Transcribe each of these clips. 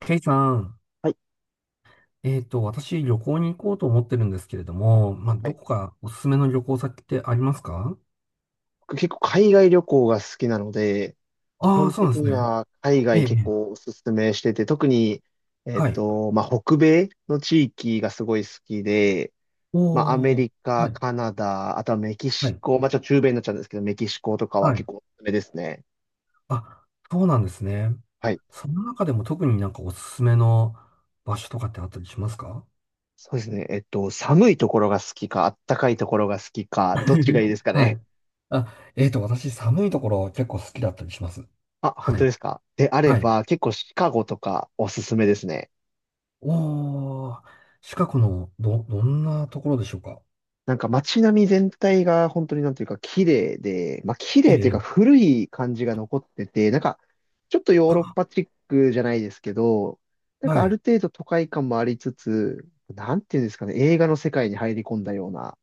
ケイさん、はい。私、旅行に行こうと思ってるんですけれども、まあ、はどい。こかおすすめの旅行先ってありますか？僕結構海外旅行が好きなので、基ああー、本そうなん的ですにね。は海え外え、え結え、構おすすめしてて、特に、はい。北米の地域がすごい好きで、まあ、アメおー、リはカ、い、カナダ、あとはメキはシい、コ、まあ、ちょっと中米になっちゃうんですけど、メキシコとかははい。結構おすすめですね。あ、そうなんですね。はい。その中でも特になんかおすすめの場所とかってあったりしますか？ そうですね。寒いところが好きか、あったかいところが好きか、どっちがいいです かはね。い。あ、私、寒いところ結構好きだったりします。あ、本は当い、ですか。であれはい。ば、結構シカゴとかおすすめですね。おー、近くのどんなところでしょうか？なんか街並み全体が本当になんていうか綺麗で、まあ綺え麗というかえ、古い感じが残ってて、なんかちょっとヨーロッあ、パチックじゃないですけど、なんかはあい。る程度都会感もありつつ、なんていうんですかね、映画の世界に入り込んだような、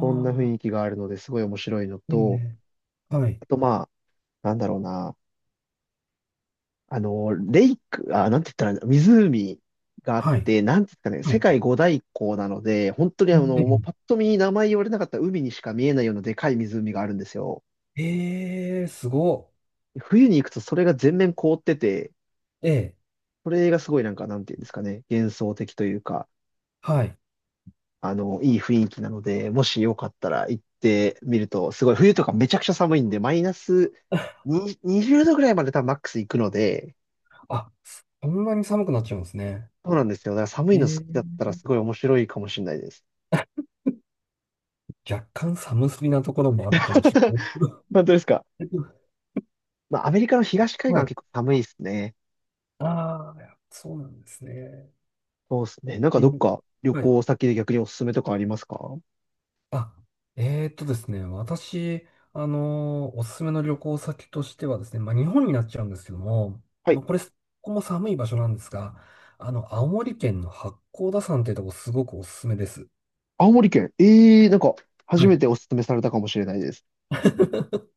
そんな雰囲気があるのですごい面白いのあ、いいと、ね。はい。あとまあ、なんだろうな、あの、レイク、あ、なんて言ったら、湖があっはい。て、なんていうんですかね、は世い。界五大湖なので、本当にあの、もうパッと見名前言われなかった海にしか見えないようなでかい湖があるんですよ。えええー、すごっ。冬に行くとそれが全面凍ってて、ええ。それがすごいなんか、なんていうんですかね、幻想的というか、はい。あの、いい雰囲気なので、もしよかったら行ってみると、すごい、冬とかめちゃくちゃ寒いんで、マイナス に20度ぐらいまで多分マックス行くので、あ、そんなに寒くなっちゃうんですね。そうなんですよ。だから寒いえの好きだえ。ったらすごい面白いかもしれないです。若干寒すぎなところもあるかもしれ な本当ですか。い。まあ、アメリカの東海岸ははい。結構寒いですね。ああ、そうなんですね。そうですね。なんかしどんっど、か旅はい、行先で逆におすすめとかありますか？あ、ですね、私、おすすめの旅行先としてはですね、まあ、日本になっちゃうんですけども、はい。まあ、ここも寒い場所なんですが、青森県の八甲田山っていうとこすごくおすすめです。青森県。ええ、なんか初はめい。ておすすめされたかもしれないです。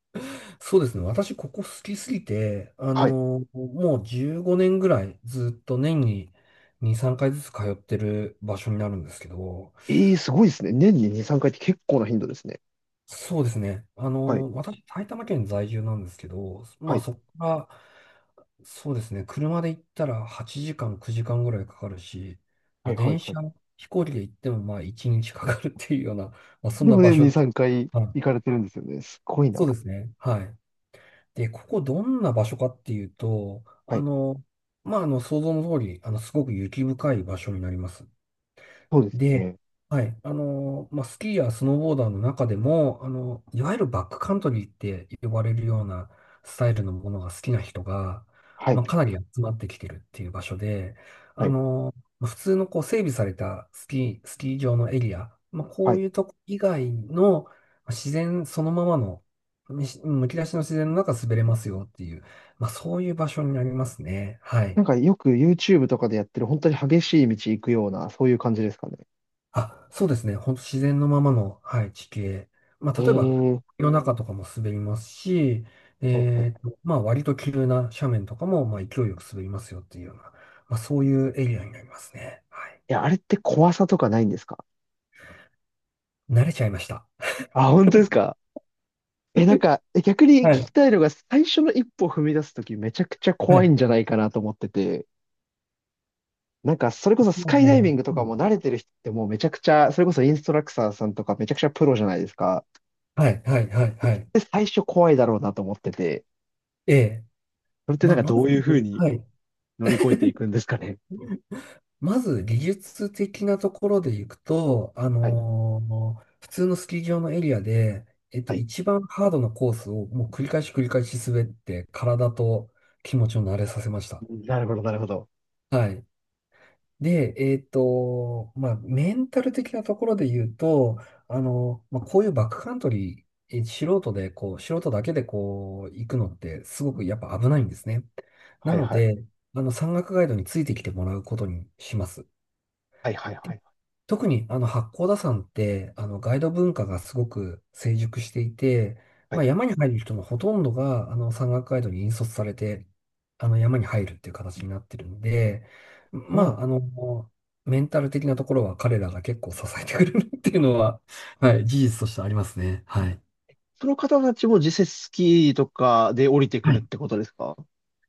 そうですね、私、ここ好きすぎて、はい。もう15年ぐらいずっと年に2、3回ずつ通ってる場所になるんですけど、ええ、すごいですね。年に2、3回って結構な頻度ですね。そうですね、はい。私、埼玉県在住なんですけど、はまあ、い。そこから、そうですね。車で行ったら8時間、9時間ぐらいかかるし、はまあ、いは電いは車、い。飛行機で行ってもまあ1日かかるっていうような、まあ、そんでなも場年所。に3回は行い。かれてるんですよね。すごいな。そうですね。はい。で、ここどんな場所かっていうと、はい。想像の通り、すごく雪深い場所になります。そうですよで、ね。はい、まあ、スキーやスノーボーダーの中でも、いわゆるバックカントリーって呼ばれるようなスタイルのものが好きな人が、はい。まあ、かなり集まってきてるっていう場所で、はい。まあ普通のこう整備されたスキー場のエリア、まあ、こはうい。いうとこ以外のまあ自然そのままの、むき出しの自然の中滑れますよっていう、まあ、そういう場所になりますね。はい。なんかよく YouTube とかでやってる本当に激しい道行くような、そういう感じですかね。あ、そうですね。本当自然のままの、はい、地形。まあ、え例えば、え。夜中とかも滑りますし、はいはい。まあ、割と急な斜面とかも、まあ、勢いよく滑りますよっていうような、まあ、そういうエリアになりますね。はい。いや、あれって怖さとかないんですか？慣れちゃいました。あ、本当ですか？え、なん か、え、逆に聞はきい。たいのが、最初の一歩踏み出すときめちゃくちゃは怖いい。んじゃないかなと思ってて、なんか、それこそスもうカイダイビね、ングとうかん、も慣れてる人ってもうめちゃくちゃ、それこそインストラクターさんとかめちゃくちゃプロじゃないですか。はい、はい、はい、はい。で、最初怖いだろうなと思ってて、ええ。それってなまんあ、かまどず、ういうふうにはい。乗り越えていくんですかね。まず技術的なところでいくと、はい、普通のスキー場のエリアで、はい。一番ハードなコースをもう繰り返し繰り返し滑って、体と気持ちを慣れさせました。なるほど、なるほど。はい。で、まあ、メンタル的なところで言うと、まあ、こういうバックカントリー、素人で、こう、素人だけでこう、行くのってすごくやっぱ危ないんですね。なはい、のはい、で、山岳ガイドについてきてもらうことにします。はい、はい、はい。特にあの八甲田山ってあのガイド文化がすごく成熟していて、はまあ、い。山に入る人のほとんどがあの山岳ガイドに引率されてあの山に入るっていう形になってるんで、そまうなの？あ、メンタル的なところは彼らが結構支えてくれるっていうのは、はい、事実としてありますね。はい。その方たちも実際スキーとかで降りてくはるっい。てことですか？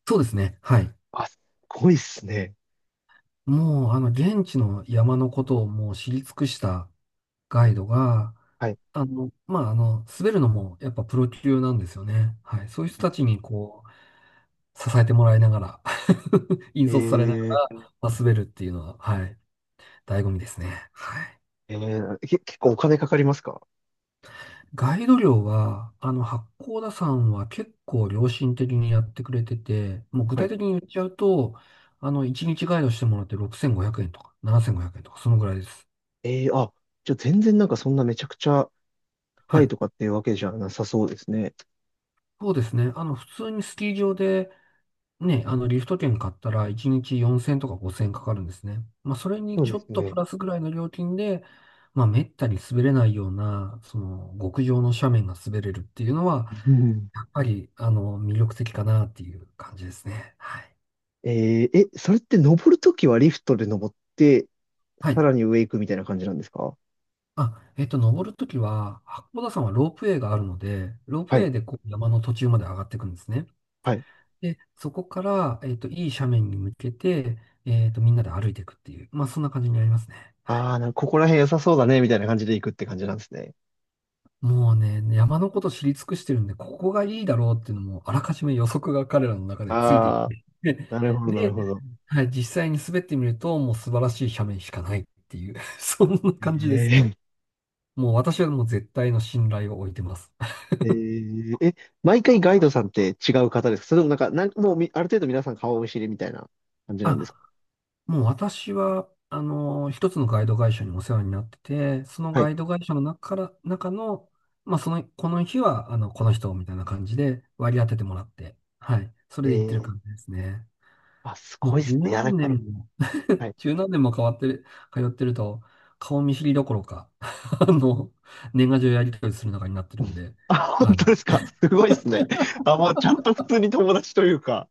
そうですね。はい。あ、すごいっすね。もう、現地の山のことをもう知り尽くしたガイドが、はい。滑るのもやっぱプロ級なんですよね。はい。そういう人たちにこう、支えてもらいながら 引え率されながー、ら滑るっていうのは、はい、醍醐味ですね。はい。えー、け、結構お金かかりますか？ガイド料は、八甲田山は結構良心的にやってくれてて、もう具は体い。的に言っちゃうと、1日ガイドしてもらって6500円とか7500円とか、そのぐらいです。えー、あ、じゃあ全然なんかそんなめちゃくちゃは高いい。とかっていうわけじゃなさそうですね。そうですね。普通にスキー場で、ね、リフト券買ったら1日4000とか5000かかるんですね。まあ、それにそうちでょっすとプね。ラスぐらいの料金で、まあ、めったに滑れないような、極上の斜面が滑れるっていうのは、うん。やっぱり、魅力的かなっていう感じですね。はい。えー、え、それって登るときはリフトで登って、はさい。らに上行くみたいな感じなんですか？あ、登るときは、八甲田山はロープウェイがあるので、ロープはウェい。イでこう山の途中まで上がっていくんですね。はい。で、そこから、いい斜面に向けて、みんなで歩いていくっていう、まあ、そんな感じになりますね。はい。ああ、なんかここら辺良さそうだね、みたいな感じで行くって感じなんですね。もうね、山のこと知り尽くしてるんで、ここがいいだろうっていうのも、あらかじめ予測が彼らの中でついていっああ、て、なるほど、なるで、ほど。はい、実際に滑ってみると、もう素晴らしい斜面しかないっていう、そんな感じですえね。え、もう私はもう絶対の信頼を置いてます。えー、え、毎回ガイドさんって違う方ですか？それともなんか、なんもうみ、ある程度皆さん顔見知りみたいな感じなんですあ、か？もう私は、一つのガイド会社にお世話になってて、そのはガい。イド会社の中から、中の、まあ、この日は、この人みたいな感じで割り当ててもらって、はい。そえれで行ってるー、感じですね。あ、すもごういっ十すね。いや、なん何か、年も、はい。十何年も変わってる、通ってると、顔見知りどころか、あの、年賀状やり取りする中になってうるんん。で、あ、本はい。当ですか？すごいっすね。あ、もうちゃんと普通に友達というか。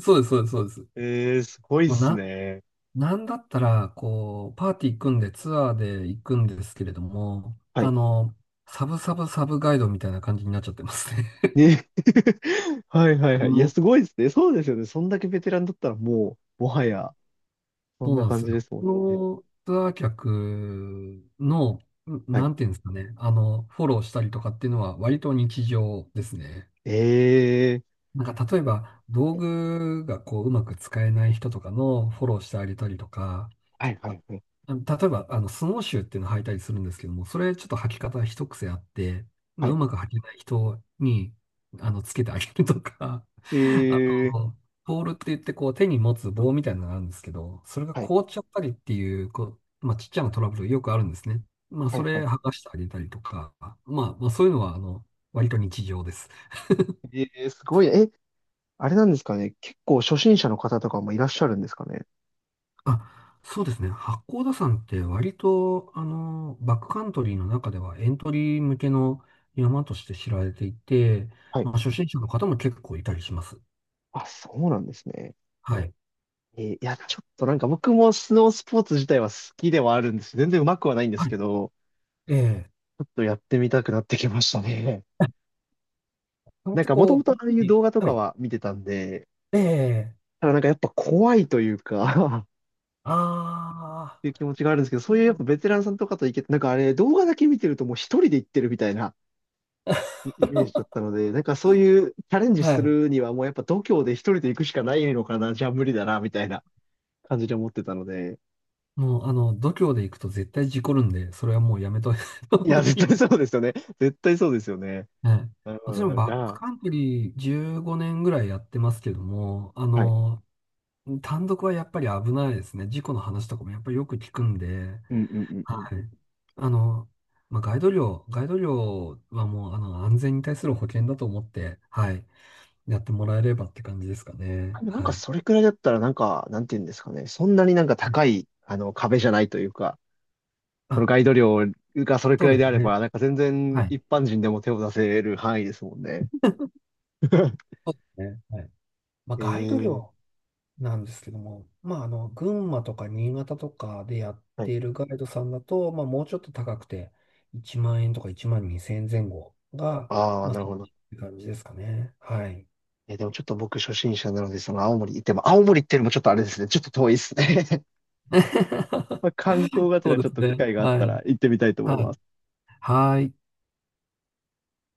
そうです、そうです、そうです。えー、すごいっもうすな、ね。なんだったら、こう、パーティー組んでツアーで行くんですけれども、はい。サブサブサブガイドみたいな感じになっちゃってますね。ね、はいはいあはい。いや、の、すごいっすね。そうですよね。そんだけベテランだったらもう、もはや、そんそうななんで感すじでよ。すもこんね。のツアー客の、はい。なんていうんですかね、フォローしたりとかっていうのは割と日常ですね。えー、なんか例えば、道具がこう、うまく使えない人とかのフォローしてあげたりとか、はいはあいはい。例えば、スノーシューっていうのを履いたりするんですけども、それちょっと履き方一癖あって、まはあ、い。うまく履けない人に、つけてあげるとか、え あー、と、ポールって言ってこう手に持つ棒みたいなのがあるんですけど、それがはい。凍っちゃったりっていう、こう、まあ、ちっちゃなトラブルよくあるんですね。まあ、はそいはれい。剥がしてあげたりとか、まあ、そういうのは、割と日常です。ええ、すごいね。え、あれなんですかね。結構初心者の方とかもいらっしゃるんですかね。あ、そうですね。八甲田山って割と、バックカントリーの中ではエントリー向けの山として知られていて、はい。まあ、初心者の方も結構いたりします。あ、そうなんですね。はい。えー、いや、ちょっとなんか僕もスノースポーツ自体は好きではあるんです。全然うまくはないんではすい。けど、ええ。ちょっとやってみたくなってきましたね。なんなんてかもともことああいう、う動画とはかい。は見てたんで、ええ、ただなんかやっぱ怖いというか あっていう気あ、持ちがあるんですけど、そういうやっぱベテランさんとかと行けて、なんかあれ動画だけ見てるともう一人で行ってるみたいなイメージだったので、なんかそういうチャレンジはすい。るにはもうやっぱ度胸で一人で行くしかないのかな、じゃあ無理だな、みたいな感じで思ってたので。もう、度胸で行くと絶対事故るんで、それはもうやめといた方いや、が絶い対い。そうですよね。絶対そうですよね。はい。なるほど、な私るほもど。じバッゃクあ、カントリー15年ぐらいやってますけども、はい。単独はやっぱり危ないですね。事故の話とかもやっぱりよく聞くんで、うんうんうんうん。はい。あの、まあ、ガイド料はもう、安全に対する保険だと思って、はい、やってもらえればって感じですかね。でもなんはかい。それくらいだったらなんか、なんて言うんですかね。そんなになんか高い、あの、壁じゃないというか、そのあ、ガイド料がそれくそうらいですであれね。ば、なんか全然はい。一般人でも手を出せる範囲ですもんね。そうですね。はい。まあ、ガイドえ料え。なんですけども、まあ、群馬とか新潟とかでやっはい。ているガイドさんだと、まあ、もうちょっと高くて、1万円とか1万2千円前後が、ああ、まあ、なるそれほっど。て感じですかね。はい。え、でもちょっと僕初心者なので、その青森行っても、青森っていうのもちょっとあれですね。ちょっと遠いですね。まあ、観光 がてそらうでちょっすと機ね。会があっはい。たら行ってみたいと思はいまい。す。はい。